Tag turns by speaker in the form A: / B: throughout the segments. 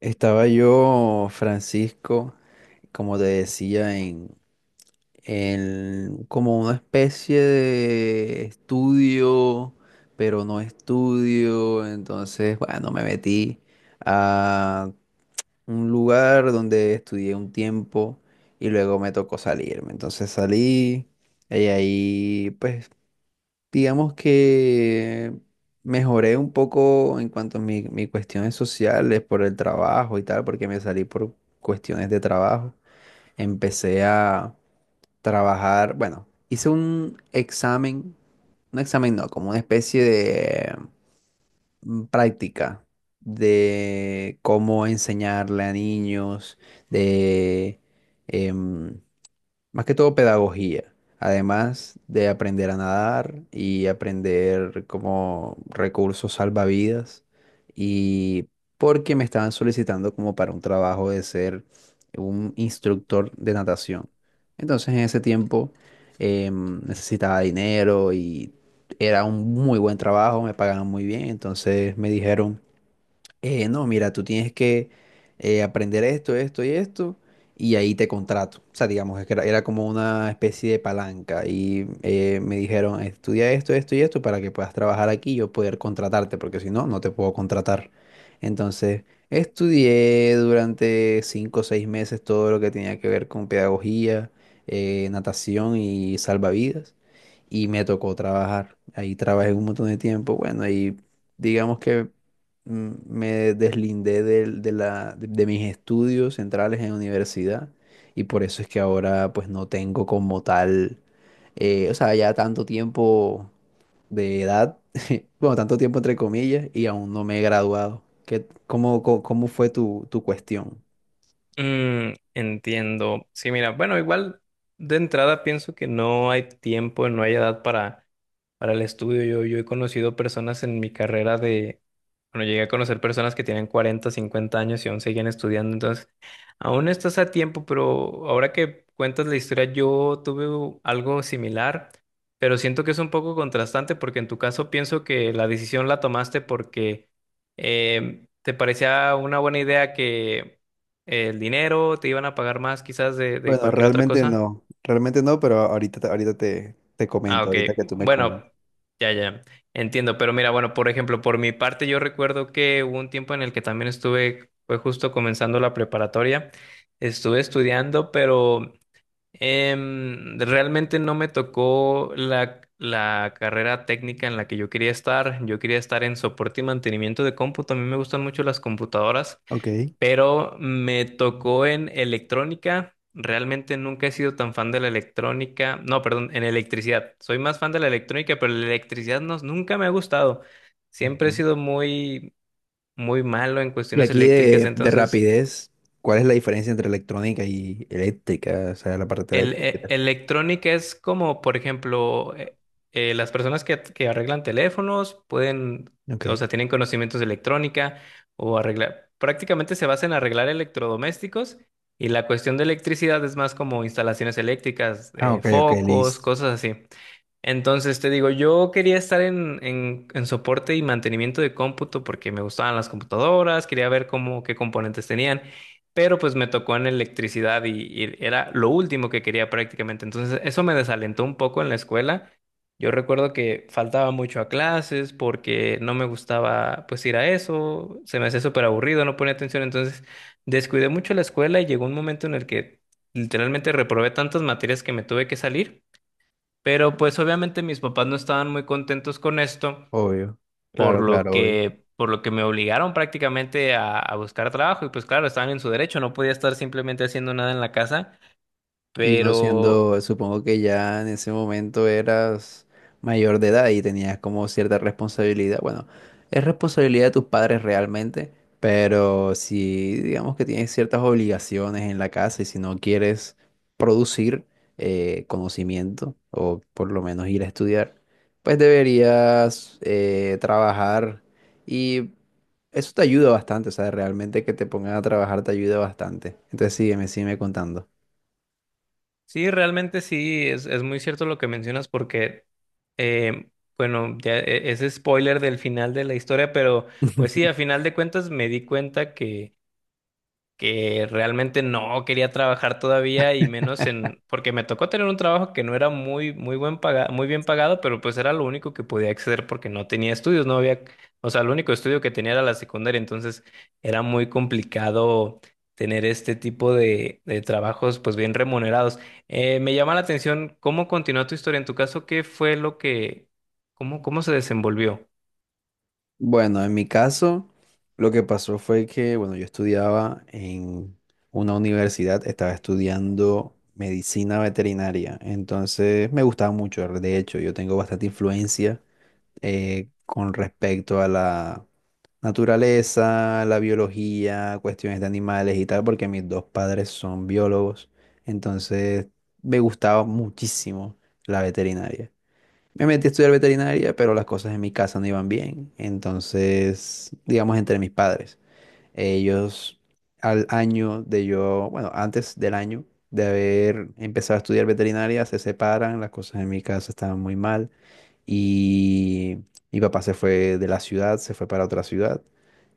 A: Estaba yo, Francisco, como te decía, en como una especie de estudio, pero no estudio. Entonces, bueno, me metí a un lugar donde estudié un tiempo y luego me tocó salirme. Entonces salí y ahí, pues, digamos que mejoré un poco en cuanto a mis cuestiones sociales por el trabajo y tal, porque me salí por cuestiones de trabajo. Empecé a trabajar, bueno, hice un examen no, como una especie de práctica de cómo enseñarle a niños, de em, más que todo pedagogía, además de aprender a nadar y aprender como recursos salvavidas y porque me estaban solicitando como para un trabajo de ser un instructor de natación. Entonces en ese tiempo, necesitaba dinero y era un muy buen trabajo, me pagaban muy bien, entonces me dijeron, no, mira, tú tienes que, aprender esto, esto y esto, y ahí te contrato. O sea, digamos, es que era como una especie de palanca. Y me dijeron, estudia esto, esto y esto para que puedas trabajar aquí y yo poder contratarte, porque si no, no te puedo contratar. Entonces, estudié durante cinco o seis meses todo lo que tenía que ver con pedagogía, natación y salvavidas y me tocó trabajar. Ahí trabajé un montón de tiempo, bueno, y digamos que, me deslindé de mis estudios centrales en universidad y por eso es que ahora pues no tengo como tal, o sea, ya tanto tiempo de edad, bueno, tanto tiempo entre comillas y aún no me he graduado. ¿Qué, cómo fue tu cuestión?
B: Entiendo. Sí, mira, bueno, igual de entrada pienso que no hay tiempo, no hay edad para el estudio. Yo he conocido personas en mi carrera de, bueno, llegué a conocer personas que tienen 40 50 años y aún siguen estudiando. Entonces, aún estás a tiempo, pero ahora que cuentas la historia, yo tuve algo similar, pero siento que es un poco contrastante porque en tu caso pienso que la decisión la tomaste porque te parecía una buena idea que ¿el dinero? ¿Te iban a pagar más quizás de
A: Bueno,
B: cualquier otra cosa?
A: realmente no, pero ahorita, te
B: Ah,
A: comento,
B: ok.
A: ahorita que tú me
B: Bueno,
A: comentas.
B: ya, ya. Entiendo. Pero mira, bueno, por ejemplo, por mi parte yo recuerdo que hubo un tiempo en el que también estuve, fue justo comenzando la preparatoria, estuve estudiando, pero realmente no me tocó la, la carrera técnica en la que yo quería estar. Yo quería estar en soporte y mantenimiento de cómputo. A mí me gustan mucho las computadoras,
A: Ok.
B: pero me tocó en electrónica. Realmente nunca he sido tan fan de la electrónica. No, perdón, en electricidad. Soy más fan de la electrónica, pero la electricidad no, nunca me ha gustado. Siempre he
A: Ujú.
B: sido muy, muy malo en
A: Y
B: cuestiones
A: aquí
B: eléctricas,
A: de
B: entonces
A: rapidez, ¿cuál es la diferencia entre electrónica y eléctrica? O sea, la parte
B: el,
A: eléctrica. Y tal.
B: electrónica es como, por ejemplo, las personas que arreglan teléfonos pueden,
A: Ok.
B: o sea, tienen conocimientos de electrónica o arreglar, prácticamente se basa en arreglar electrodomésticos y la cuestión de electricidad es más como instalaciones eléctricas,
A: Ah, ok, ok,
B: focos,
A: listo.
B: cosas así. Entonces te digo, yo quería estar en soporte y mantenimiento de cómputo porque me gustaban las computadoras, quería ver cómo, qué componentes tenían, pero pues me tocó en electricidad y era lo último que quería prácticamente. Entonces eso me desalentó un poco en la escuela. Yo recuerdo que faltaba mucho a clases porque no me gustaba pues ir a eso, se me hacía súper aburrido, no ponía atención, entonces descuidé mucho la escuela y llegó un momento en el que literalmente reprobé tantas materias que me tuve que salir. Pero pues obviamente mis papás no estaban muy contentos con esto,
A: Obvio.
B: por
A: Claro,
B: lo
A: claro, obvio.
B: que, por lo que me obligaron prácticamente a buscar trabajo. Y pues claro, estaban en su derecho, no podía estar simplemente haciendo nada en la casa.
A: Y uno
B: Pero
A: siendo, supongo que ya en ese momento eras mayor de edad y tenías como cierta responsabilidad. Bueno, es responsabilidad de tus padres realmente, pero si digamos que tienes ciertas obligaciones en la casa y si no quieres producir, conocimiento o por lo menos ir a estudiar, pues deberías, trabajar y eso te ayuda bastante, o sea, realmente que te pongan a trabajar te ayuda bastante. Entonces sígueme, sígueme contando.
B: sí, realmente sí, es muy cierto lo que mencionas porque, eh, bueno, ya es spoiler del final de la historia, pero pues sí, a final de cuentas me di cuenta que realmente no quería trabajar todavía y menos en, porque me tocó tener un trabajo que no era muy, muy muy bien pagado, pero pues era lo único que podía acceder porque no tenía estudios, no había, o sea, el único estudio que tenía era la secundaria, entonces era muy complicado tener este tipo de trabajos pues bien remunerados. Me llama la atención cómo continuó tu historia, en tu caso, ¿qué fue lo que, cómo, cómo se desenvolvió?
A: Bueno, en mi caso, lo que pasó fue que, bueno, yo estudiaba en una universidad, estaba estudiando medicina veterinaria, entonces me gustaba mucho, de hecho, yo tengo bastante influencia, con respecto a la naturaleza, la biología, cuestiones de animales y tal, porque mis dos padres son biólogos, entonces me gustaba muchísimo la veterinaria. Me metí a estudiar veterinaria, pero las cosas en mi casa no iban bien. Entonces, digamos, entre mis padres, ellos al año de yo, bueno, antes del año de haber empezado a estudiar veterinaria, se separan, las cosas en mi casa estaban muy mal y mi papá se fue de la ciudad, se fue para otra ciudad.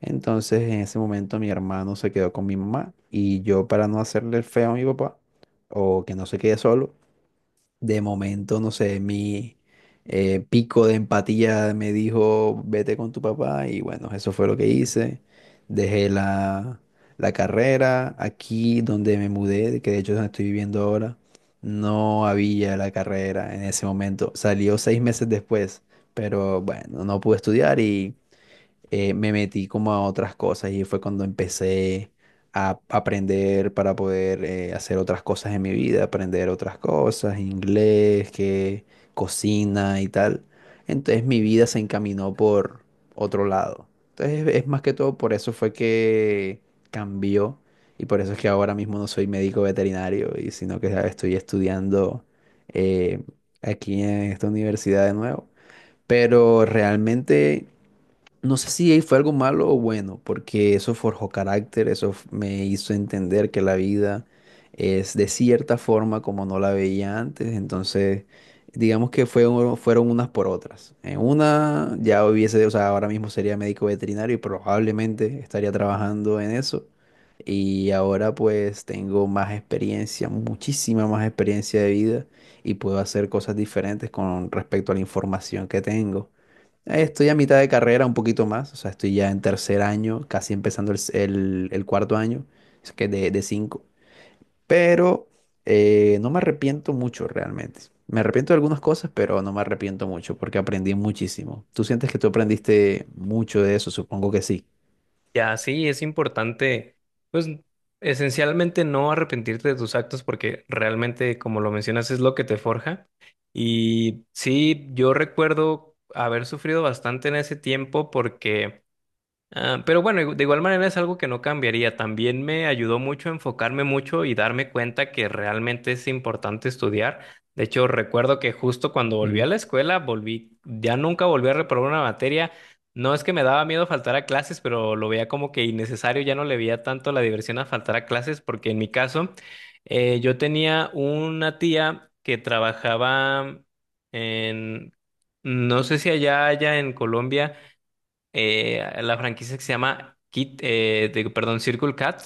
A: Entonces, en ese momento, mi hermano se quedó con mi mamá y yo, para no hacerle el feo a mi papá o que no se quede solo, de momento, no sé, mi pico de empatía me dijo, vete con tu papá y bueno, eso fue lo que hice. Dejé la carrera aquí donde me mudé, que de hecho es donde estoy viviendo ahora, no había la carrera en ese momento. Salió seis meses después, pero bueno, no pude estudiar, me metí como a otras cosas y fue cuando empecé a aprender para poder, hacer otras cosas en mi vida, aprender otras cosas, inglés, que cocina y tal. Entonces mi vida se encaminó por otro lado. Entonces es más que todo por eso fue que cambió y por eso es que ahora mismo no soy médico veterinario y sino que estoy estudiando, eh, aquí en esta universidad de nuevo. Pero realmente no sé si ahí fue algo malo o bueno, porque eso forjó carácter, me hizo entender que la vida es de cierta forma como no la veía antes, entonces digamos que fueron unas por otras. En una ya hubiese, o sea, ahora mismo sería médico veterinario y probablemente estaría trabajando en eso. Y ahora pues tengo más experiencia, muchísima más experiencia de vida y puedo hacer cosas diferentes con respecto a la información que tengo. Estoy a mitad de carrera, un poquito más, o sea, estoy ya en tercer año, casi empezando el cuarto año, es que de cinco, pero, no me arrepiento mucho realmente. Me arrepiento de algunas cosas, pero no me arrepiento mucho porque aprendí muchísimo. ¿Tú sientes que tú aprendiste mucho de eso? Supongo que sí.
B: Ya, sí, es importante, pues esencialmente no arrepentirte de tus actos porque realmente, como lo mencionas, es lo que te forja. Y sí, yo recuerdo haber sufrido bastante en ese tiempo porque... Ah, pero bueno, de igual manera es algo que no cambiaría. También me ayudó mucho a enfocarme mucho y darme cuenta que realmente es importante estudiar. De hecho, recuerdo que justo cuando volví a
A: Sí.
B: la escuela, volví, ya nunca volví a reprobar una materia. No es que me daba miedo faltar a clases, pero lo veía como que innecesario, ya no le veía tanto la diversión a faltar a clases, porque en mi caso, yo tenía una tía que trabajaba en, no sé si allá, allá en Colombia, la franquicia que se llama Kit, perdón, Circle Cat,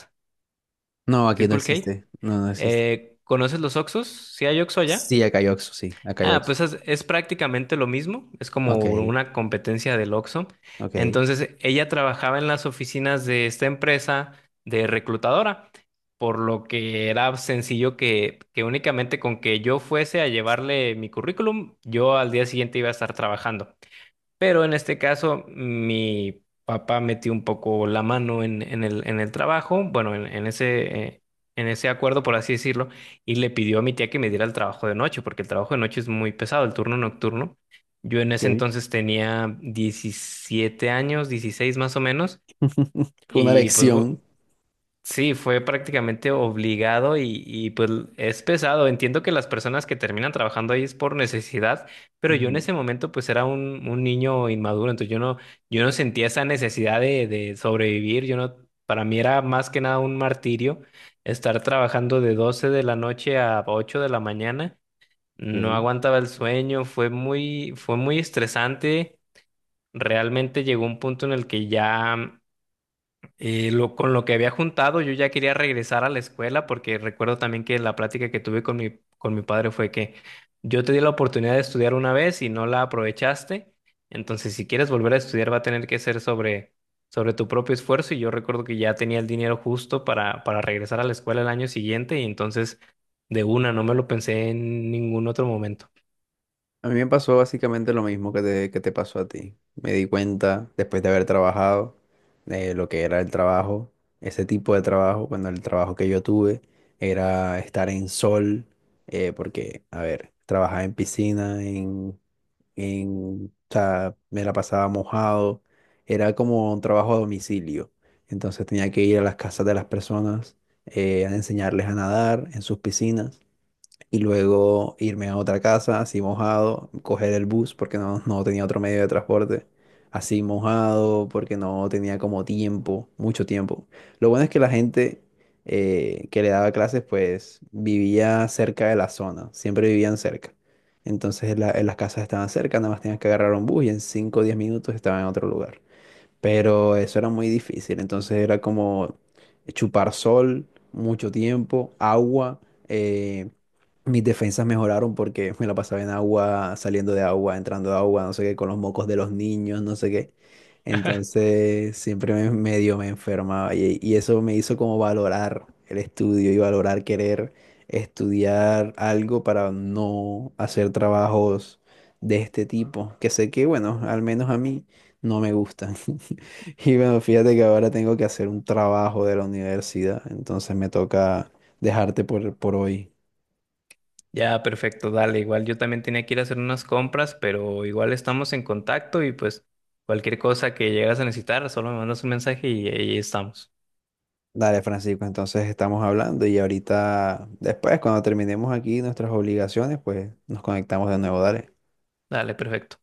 A: No, aquí no
B: Circle K.
A: existe, no, no existe.
B: ¿Conoces los Oxos? ¿Sí hay Oxxo allá?
A: Sí, acá hay Oxxo, sí, acá hay
B: Ah,
A: Oxxo.
B: pues es prácticamente lo mismo, es
A: Ok,
B: como una competencia del Oxxo.
A: ok.
B: Entonces, ella trabajaba en las oficinas de esta empresa de reclutadora, por lo que era sencillo que únicamente con que yo fuese a llevarle mi currículum, yo al día siguiente iba a estar trabajando. Pero en este caso, mi papá metió un poco la mano en el trabajo, bueno, en ese acuerdo, por así decirlo, y le pidió a mi tía que me diera el trabajo de noche, porque el trabajo de noche es muy pesado, el turno nocturno. Yo en ese
A: Ok,
B: entonces tenía 17 años, 16 más o menos,
A: fue una
B: y
A: lección.
B: sí, fue prácticamente obligado y, pues es pesado. Entiendo que las personas que terminan trabajando ahí es por necesidad, pero yo en
A: Ujú,
B: ese momento pues era un niño inmaduro, entonces yo no, yo no sentía esa necesidad de sobrevivir. Yo no, para mí era más que nada un martirio estar trabajando de 12 de la noche a 8 de la mañana. No
A: ok.
B: aguantaba el sueño, fue muy estresante. Realmente llegó un punto en el que ya y lo, con lo que había juntado, yo ya quería regresar a la escuela porque recuerdo también que la plática que tuve con mi padre fue que yo te di la oportunidad de estudiar una vez y no la aprovechaste, entonces si quieres volver a estudiar va a tener que ser sobre, sobre tu propio esfuerzo y yo recuerdo que ya tenía el dinero justo para regresar a la escuela el año siguiente y entonces de una no me lo pensé en ningún otro momento.
A: A mí me pasó básicamente lo mismo que que te pasó a ti. Me di cuenta, después de haber trabajado, de lo que era el trabajo, ese tipo de trabajo, cuando el trabajo que yo tuve era estar en sol, porque, a ver, trabajaba en piscina, o sea, me la pasaba mojado, era como un trabajo a domicilio. Entonces tenía que ir a las casas de las personas, a enseñarles a nadar en sus piscinas y luego irme a otra casa así mojado, coger el bus porque no, no tenía otro medio de transporte, así mojado porque no tenía como tiempo, mucho tiempo. Lo bueno es que la gente, que le daba clases pues vivía cerca de la zona, siempre vivían cerca. Entonces las casas estaban cerca, nada más tenías que agarrar un bus y en 5 o 10 minutos estaba en otro lugar, pero eso era muy difícil. Entonces era como chupar sol, mucho tiempo, agua. eh, mis defensas mejoraron porque me la pasaba en agua, saliendo de agua, entrando de agua, no sé qué, con los mocos de los niños, no sé qué. Entonces siempre me, medio me enfermaba y eso me hizo como valorar el estudio y valorar querer estudiar algo para no hacer trabajos de este tipo, que sé que, bueno, al menos a mí no me gustan. Y bueno, fíjate que ahora tengo que hacer un trabajo de la universidad, entonces me toca dejarte por hoy.
B: Ya, perfecto, dale, igual yo también tenía que ir a hacer unas compras, pero igual estamos en contacto y pues cualquier cosa que llegas a necesitar, solo me mandas un mensaje y ahí estamos.
A: Dale, Francisco, entonces estamos hablando y ahorita, después, cuando terminemos aquí nuestras obligaciones, pues nos conectamos de nuevo, dale.
B: Dale, perfecto.